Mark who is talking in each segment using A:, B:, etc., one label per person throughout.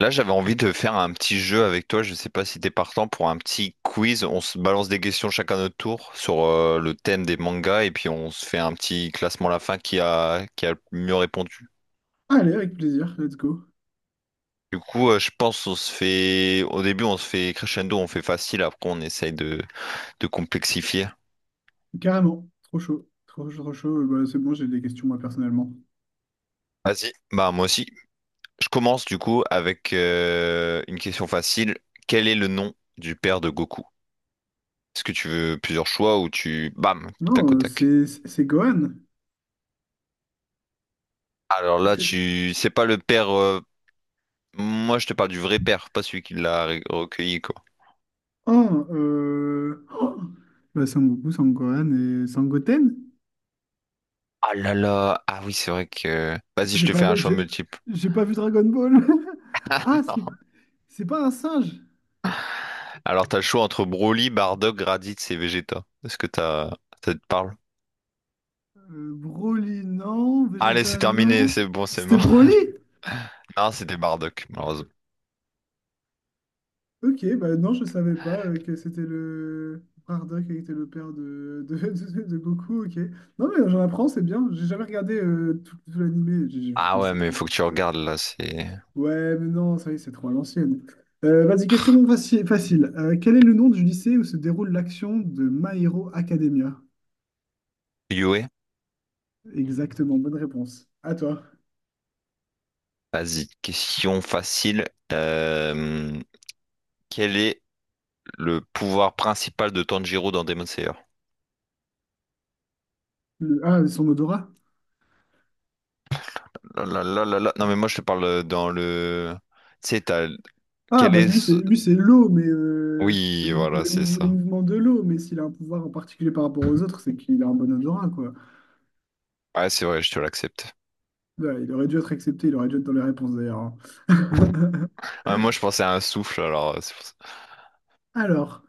A: Là, j'avais envie de faire un petit jeu avec toi. Je sais pas si t'es partant pour un petit quiz. On se balance des questions chacun à notre tour sur le thème des mangas et puis on se fait un petit classement à la fin qui a le mieux répondu.
B: Allez, avec plaisir, let's go.
A: Du coup, je pense on se fait crescendo, on fait facile. Après, on essaye de complexifier.
B: Carrément, trop chaud, trop chaud, trop chaud. Bah, c'est bon, j'ai des questions moi personnellement.
A: Vas-y. Bah moi aussi. Je commence du coup avec une question facile. Quel est le nom du père de Goku? Est-ce que tu veux plusieurs choix ou tu bam,
B: Non,
A: tac au tac?
B: c'est Gohan.
A: Alors
B: Est-ce
A: là,
B: que c'est...
A: c'est pas le père. Moi, je te parle du vrai père, pas celui qui l'a recueilli, quoi.
B: Oh, oh bah, Sangoku, Sangohan et Sangoten?
A: Ah là là, ah oui, c'est vrai que. Vas-y, je
B: J'ai
A: te
B: pas
A: fais un
B: vu,
A: choix
B: j'ai
A: multiple.
B: j'ai pas vu Dragon Ball. Ah, c'est
A: Non.
B: c'est pas un singe.
A: Alors, t'as le choix entre Broly, Bardock, Raditz et Vegeta. Ça te parle?
B: Broly, non.
A: Allez, c'est
B: Vegeta,
A: terminé,
B: non.
A: c'est bon, c'est
B: C'était
A: mort.
B: Broly?
A: Non, c'était Bardock, malheureusement.
B: Ok, bah non, je savais pas que c'était le Bardock qui était le père de, de Goku, ok. Non mais j'en apprends, c'est bien. J'ai jamais regardé tout l'animé, j'ai vu
A: Ah ouais, mais
B: certains
A: faut que tu
B: épisodes.
A: regardes là, c'est.
B: Ouais, mais non, ça y est, c'est trop à l'ancienne. Vas-y, question facile. Quel est le nom du lycée où se déroule l'action de My Hero Academia?
A: Yue,
B: Exactement, bonne réponse. À toi.
A: vas-y, question facile. Euh, Quel est le pouvoir principal de Tanjiro dans Demon Slayer?
B: Ah, son odorat?
A: Là, là, là, là, là. Non, mais moi, je te parle dans le... Tu sais, t'as...
B: Ah,
A: Quel
B: bah
A: est... ce-
B: lui, c'est l'eau, mais c'est
A: Oui, voilà, c'est
B: les
A: ça.
B: mouvements de l'eau. Mais s'il a un pouvoir en particulier par rapport aux autres, c'est qu'il a un bon odorat, quoi.
A: Ouais, c'est vrai, je te l'accepte.
B: Ouais, il aurait dû être accepté, il aurait dû être dans les réponses d'ailleurs, hein.
A: Ouais, moi, je pensais à un souffle, alors... c'est pour ça.
B: Alors,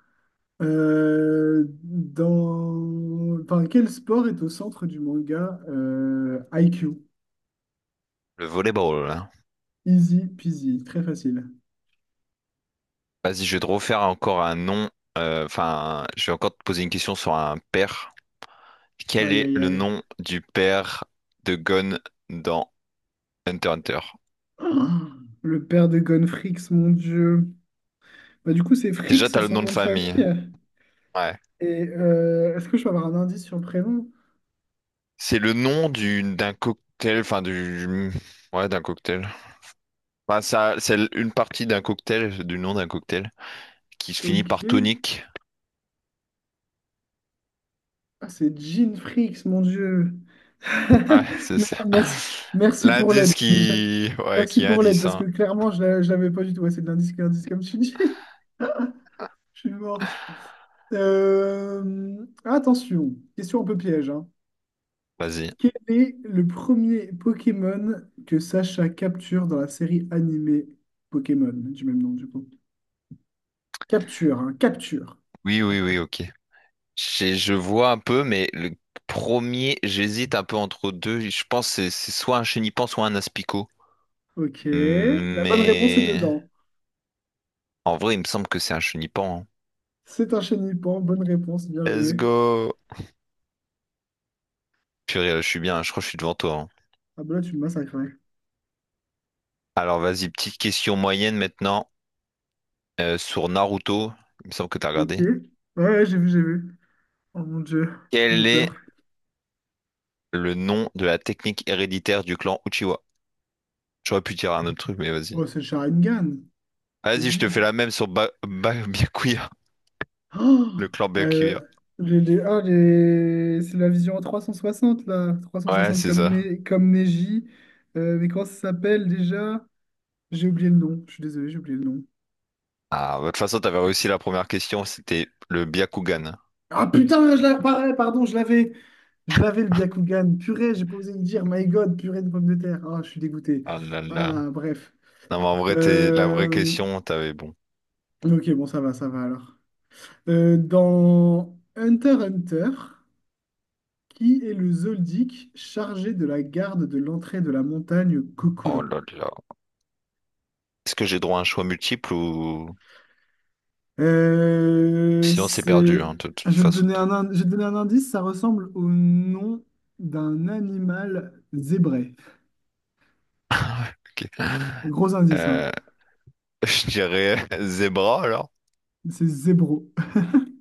B: quel sport est au centre du manga IQ?
A: Le volleyball, hein.
B: Easy peasy, très facile.
A: Vas-y, je vais te refaire encore un nom. Enfin, je vais encore te poser une question sur un père. Quel
B: Aïe
A: est
B: aïe
A: le
B: aïe.
A: nom du père de Gon dans Hunter x Hunter?
B: Ah, le père de Gonfrix, mon Dieu. Bah, du coup, c'est Frix,
A: Déjà, t'as le
B: son
A: nom de
B: nom de famille.
A: famille. Ouais.
B: Et est-ce que je peux avoir un indice sur le prénom?
A: C'est le nom du d'un cocktail, enfin du... Ouais, d'un cocktail. Bah, ça, c'est une partie d'un cocktail, du nom d'un cocktail, qui se finit
B: Ok.
A: par tonique.
B: Ah, c'est Jean Fricks, mon Dieu.
A: Ouais, c'est ça.
B: Merci, merci pour
A: L'indice
B: l'aide.
A: qui... Ouais,
B: Merci
A: qui
B: pour l'aide,
A: indice,
B: parce
A: hein.
B: que clairement, je ne l'avais pas du tout. Ouais, c'est de l'indice, comme tu dis. Je suis mort. Attention, question un peu piège, hein.
A: Vas-y.
B: Quel est le premier Pokémon que Sacha capture dans la série animée Pokémon, du même nom, du coup? Capture, hein, capture.
A: Oui, oui, oui, ok. Je vois un peu, mais le premier, j'hésite un peu entre deux. Je pense que c'est soit un chenipan, soit un aspicot.
B: Ok. La bonne réponse est
A: Mais...
B: dedans.
A: En vrai, il me semble que c'est un chenipan, hein.
B: C'est un Chenipan. Bonne réponse, bien
A: Let's
B: joué.
A: go! Purée, je suis bien, je crois que je suis devant toi, hein.
B: Ah bah là, tu me massacrais.
A: Alors, vas-y, petite question moyenne maintenant. Sur Naruto, il me semble que t'as
B: Ok.
A: regardé.
B: Ouais, ouais, j'ai vu, j'ai vu. Oh mon Dieu, j'ai
A: Quel est
B: peur.
A: le nom de la technique héréditaire du clan Uchiwa? J'aurais pu dire un autre truc, mais vas-y.
B: Oh, c'est le Sharingan.
A: Vas-y, je te
B: Easy.
A: fais la même sur Byakuya,
B: Oh,
A: le clan Byakuya.
B: euh, c'est la vision en 360 là. trois cent
A: Ouais,
B: soixante
A: c'est
B: comme,
A: ça.
B: Ne- comme Neji. Mais comment ça s'appelle déjà? J'ai oublié le nom. Je suis désolé, j'ai oublié le nom.
A: Ah, bah, de toute façon, t'avais réussi la première question, c'était le Byakugan.
B: Ah putain, je l'avais, pareil, pardon, je l'avais. Je l'avais le Byakugan. Purée, j'ai pas osé le dire. My God, purée de pommes de terre. Ah, je suis dégoûté.
A: Ah là là.
B: Ah, bref.
A: Non, mais en vrai, t'es... la vraie
B: Euh,
A: question, t'avais bon.
B: Ok, bon, ça va alors. Dans Hunter x Hunter. Qui est le Zoldyck chargé de la garde de l'entrée de la montagne
A: Oh
B: Kokoro?
A: là là. Est-ce que j'ai droit à un choix multiple ou...
B: Euh,
A: Sinon, c'est perdu,
B: c'est-
A: hein, de toute
B: ah,
A: façon.
B: je vais te donner un indice, ça ressemble au nom d'un animal zébré.
A: Ok.
B: Gros indice, hein.
A: Euh, je dirais Zebra, alors.
B: C'est zébro.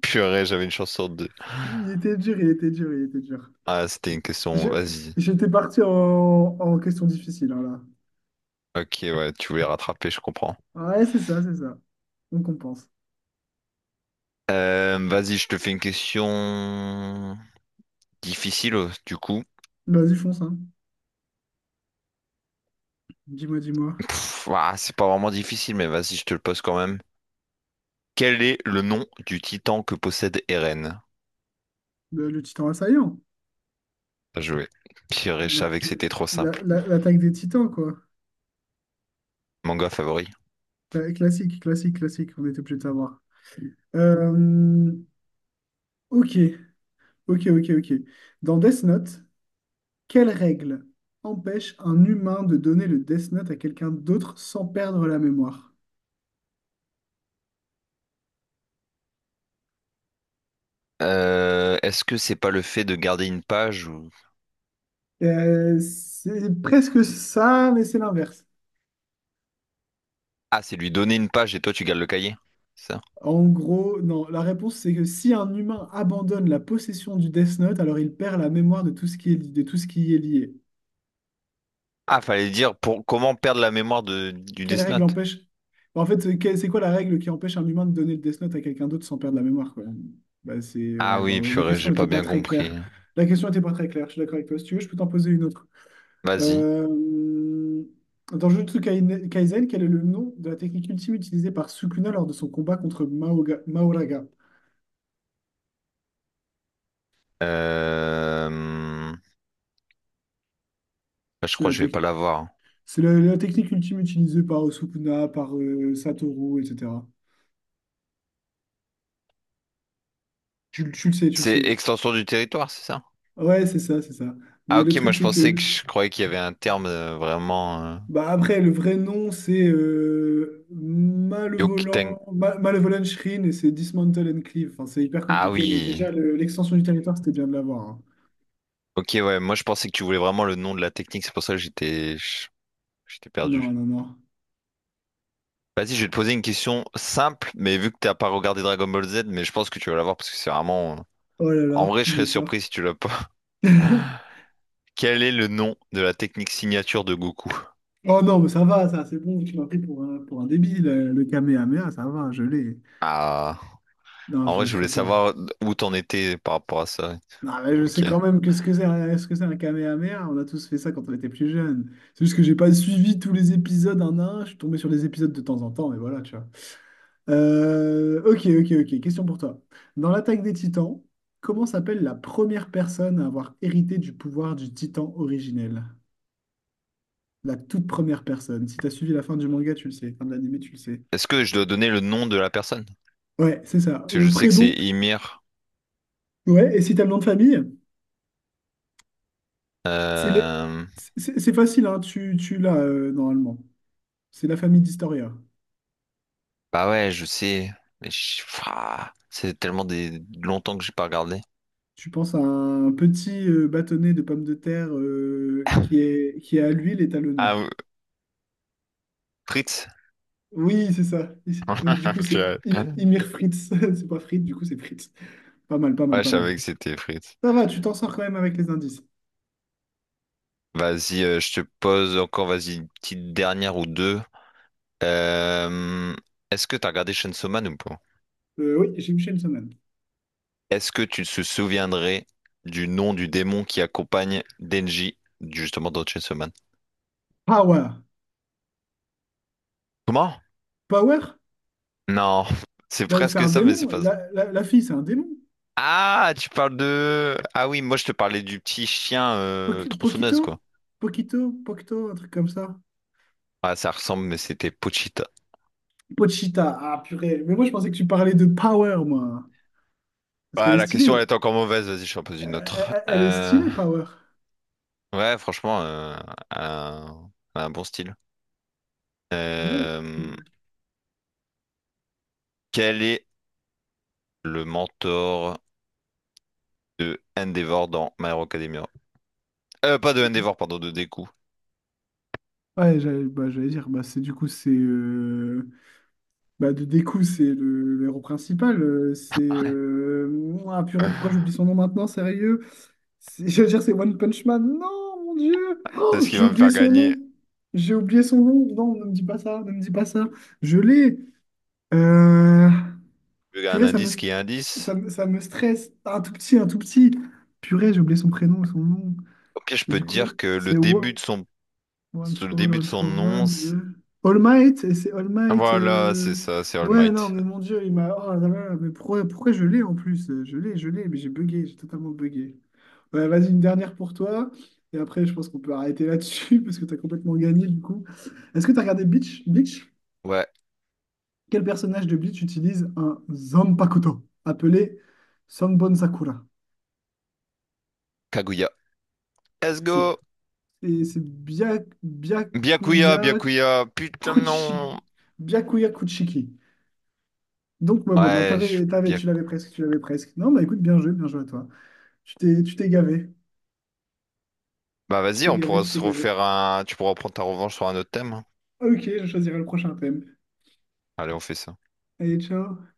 A: Purée, j'avais une chance sur deux.
B: Il était dur, il était dur, il était dur.
A: Ah, c'était une question,
B: Je-
A: vas-y.
B: J'étais parti en question difficile, hein, là.
A: Ok, ouais, tu voulais rattraper, je comprends.
B: Ouais, c'est ça, c'est ça. On compense.
A: Vas-y, je te fais une question difficile, du coup.
B: Vas-y, fonce, hein. Dis-moi, dis-moi.
A: Pff, ouah, c'est pas vraiment difficile, mais vas-y, je te le pose quand même. Quel est le nom du titan que possède Eren?
B: Le titan assaillant.
A: Bien joué. Purée, je
B: La-
A: savais que c'était trop simple.
B: L'attaque des titans, quoi.
A: Manga favori.
B: Classique, classique, classique, on était obligé de savoir. Euh, ok, ok, ok, ok. Dans Death Note, quelle règle empêche un humain de donner le Death Note à quelqu'un d'autre sans perdre la mémoire?
A: Est-ce que c'est pas le fait de garder une page ou...
B: C'est presque ça, mais c'est l'inverse.
A: Ah, c'est lui donner une page et toi tu gardes le cahier. C'est ça.
B: En gros, non, la réponse c'est que si un humain abandonne la possession du Death Note, alors il perd la mémoire de tout ce qui est, de tout ce qui y est lié.
A: Ah, fallait dire pour comment perdre la mémoire de... du
B: Quelle
A: Death
B: règle
A: Note.
B: empêche? Bon, en fait, c'est quoi la règle qui empêche un humain de donner le Death Note à quelqu'un d'autre sans perdre la mémoire, quoi? Bah, c'est...
A: Ah
B: Ouais,
A: oui,
B: bon, la
A: purée,
B: question
A: j'ai
B: n'était
A: pas
B: pas
A: bien
B: très
A: compris.
B: claire. La question n'était pas très claire, je suis d'accord avec toi. Si tu veux, je peux t'en poser une autre.
A: Vas-y.
B: Euh, Dans Jujutsu Kaisen, quel est le nom de la technique ultime utilisée par Sukuna lors de son combat contre Maoraga?
A: Euh, Je
B: C'est
A: crois
B: la,
A: que je vais
B: tec-
A: pas l'avoir.
B: c'est la technique ultime utilisée par Sukuna, par Satoru, etc. Tu le sais, tu le
A: C'est
B: sais.
A: extension du territoire, c'est ça?
B: Ouais, c'est ça, c'est ça.
A: Ah
B: Mais le
A: ok, moi
B: truc,
A: je
B: c'est que
A: pensais que je croyais qu'il y avait un terme vraiment
B: bah après, le vrai nom, c'est
A: Yokuten.
B: Malevolent, Malevolent Shrine et c'est Dismantle and Cleave. Enfin, c'est hyper
A: Ah
B: compliqué, mais
A: oui.
B: déjà, l'extension du territoire, c'était bien de l'avoir, hein.
A: Ok, ouais, moi je pensais que tu voulais vraiment le nom de la technique, c'est pour ça que j'étais perdu.
B: Non, non, non.
A: Vas-y, je vais te poser une question simple, mais vu que t'as pas regardé Dragon Ball Z, mais je pense que tu vas l'avoir parce que c'est vraiment.
B: Oh là
A: En
B: là,
A: vrai, je serais
B: j'ai
A: surpris
B: peur.
A: si tu l'as pas. Quel est le nom de la technique signature de Goku?
B: Oh non, mais ça va, ça, c'est bon, tu m'as pris pour un, débile, le Kamehameha, ça va, je l'ai.
A: Ah,
B: Non,
A: en
B: j'ai
A: vrai,
B: eu
A: je voulais
B: très peur.
A: savoir où t'en étais par rapport à ça.
B: Non, mais je
A: Ok.
B: sais quand même que ce que c'est un Kamehameha, on a tous fait ça quand on était plus jeune. C'est juste que j'ai pas suivi tous les épisodes un à un, je suis tombé sur les épisodes de temps en temps, mais voilà, tu vois. Ok, ok, ok. Question pour toi. Dans l'attaque des Titans, comment s'appelle la première personne à avoir hérité du pouvoir du Titan originel? La toute première personne. Si t'as suivi la fin du manga, tu le sais. Fin de l'anime, tu le sais.
A: Est-ce que je dois donner le nom de la personne?
B: Ouais, c'est ça.
A: Parce que
B: Le
A: je sais que c'est
B: prénom.
A: Ymir.
B: Ouais, et si t'as le nom de famille, c'est le.
A: Euh,
B: c'est facile, hein. Tu l'as normalement. C'est la famille d'Historia.
A: Bah ouais, je sais. Ouah, c'est tellement des... longtemps que j'ai pas regardé.
B: Tu penses à un petit bâtonnet de pommes de terre qui est, qui est à l'huile et t'as le nom.
A: Ah, ou- Fritz?
B: Oui, c'est ça. Donc, du coup, c'est
A: Purée.
B: Imir Fritz. C'est pas Fritz, du coup, c'est Fritz. Pas mal, pas mal,
A: Ouais, je
B: pas
A: savais
B: mal.
A: que c'était Fritz.
B: Ça va, tu t'en sors quand même avec les indices.
A: Vas-y, je te pose encore, vas-y, une petite dernière ou deux. Euh, Est-ce que t'as regardé Chainsaw Man ou pas?
B: Oui, j'ai Michel Semaine.
A: Est-ce que tu te souviendrais du nom du démon qui accompagne Denji, justement dans Chainsaw Man?
B: Power.
A: Comment?
B: Power?
A: Non, c'est
B: Ben, c'est
A: presque
B: un
A: ça, mais c'est
B: démon.
A: pas ça.
B: La fille, c'est un démon.
A: Ah, tu parles de... Ah oui, moi je te parlais du petit chien
B: Pokito?
A: tronçonneuse, quoi.
B: Pokito, Pokito, un truc comme ça.
A: Ah, ça ressemble, mais c'était Pochita.
B: Pochita. Ah, purée. Mais moi, je pensais que tu parlais de Power, moi. Parce qu'elle
A: Ah,
B: est
A: la question,
B: stylée.
A: elle est encore mauvaise, vas-y, je t'en pose une
B: Elle,
A: autre.
B: elle est stylée, Power.
A: Ouais, franchement, un bon style.
B: Ouais,
A: Euh, Quel est le mentor de Endeavor dans My Hero Academia? Pas de Endeavor, pardon, de Deku.
B: ouais, j'allais dire, bah, c'est du coup, c'est. Bah, de Deku, c'est le héros principal. C'est.
A: Ouais.
B: Ah purée, pourquoi j'oublie son nom maintenant, sérieux? J'allais dire, c'est One Punch Man. Non, mon Dieu!
A: C'est
B: Oh,
A: ce qui
B: j'ai
A: va me
B: oublié
A: faire
B: son
A: gagner.
B: nom. J'ai oublié son nom. Non, ne me dis pas ça, ne me dis pas ça. Je l'ai. Euh,
A: Il y a un
B: Purée, ça me,
A: indice qui
B: st-
A: est indice.
B: ça me stresse. Un tout petit, un tout petit. Purée, j'ai oublié son prénom, son nom.
A: Ok, je
B: Et
A: peux te
B: du coup,
A: dire que
B: c'est. One
A: le
B: for All,
A: début de
B: All
A: son
B: for
A: nom,
B: One de... All Might, et c'est All Might.
A: voilà, c'est
B: euh,
A: ça, c'est All
B: Ouais, non,
A: Might.
B: mais mon Dieu, il m'a. Oh là là, mais pourquoi, pourquoi je l'ai en plus? Je l'ai, mais j'ai bugué, j'ai totalement bugué. Ouais, vas-y, une dernière pour toi. Et après, je pense qu'on peut arrêter là-dessus parce que t'as complètement gagné du coup. Est-ce que t'as regardé Bleach? Bleach?
A: Ouais,
B: Quel personnage de Bleach utilise un Zanpakuto appelé Sanbon Sakura?
A: Kaguya. Let's
B: C'est
A: go!
B: et c'est
A: Byakuya, Byakuya, putain
B: Kuchi-
A: non!
B: Byakuya Kuchiki. Donc, ouais, bon, non,
A: Ouais, je- Byak-
B: tu l'avais presque, tu l'avais presque. Non, bah écoute, bien joué à toi. Tu t'es gavé.
A: bah
B: Tu
A: vas-y,
B: t'es
A: on
B: gavé,
A: pourra
B: tu
A: se
B: t'es gavé.
A: refaire un... Tu pourras prendre ta revanche sur un autre thème, hein.
B: Ok, je choisirai le prochain thème.
A: Allez, on fait ça.
B: Allez, ciao.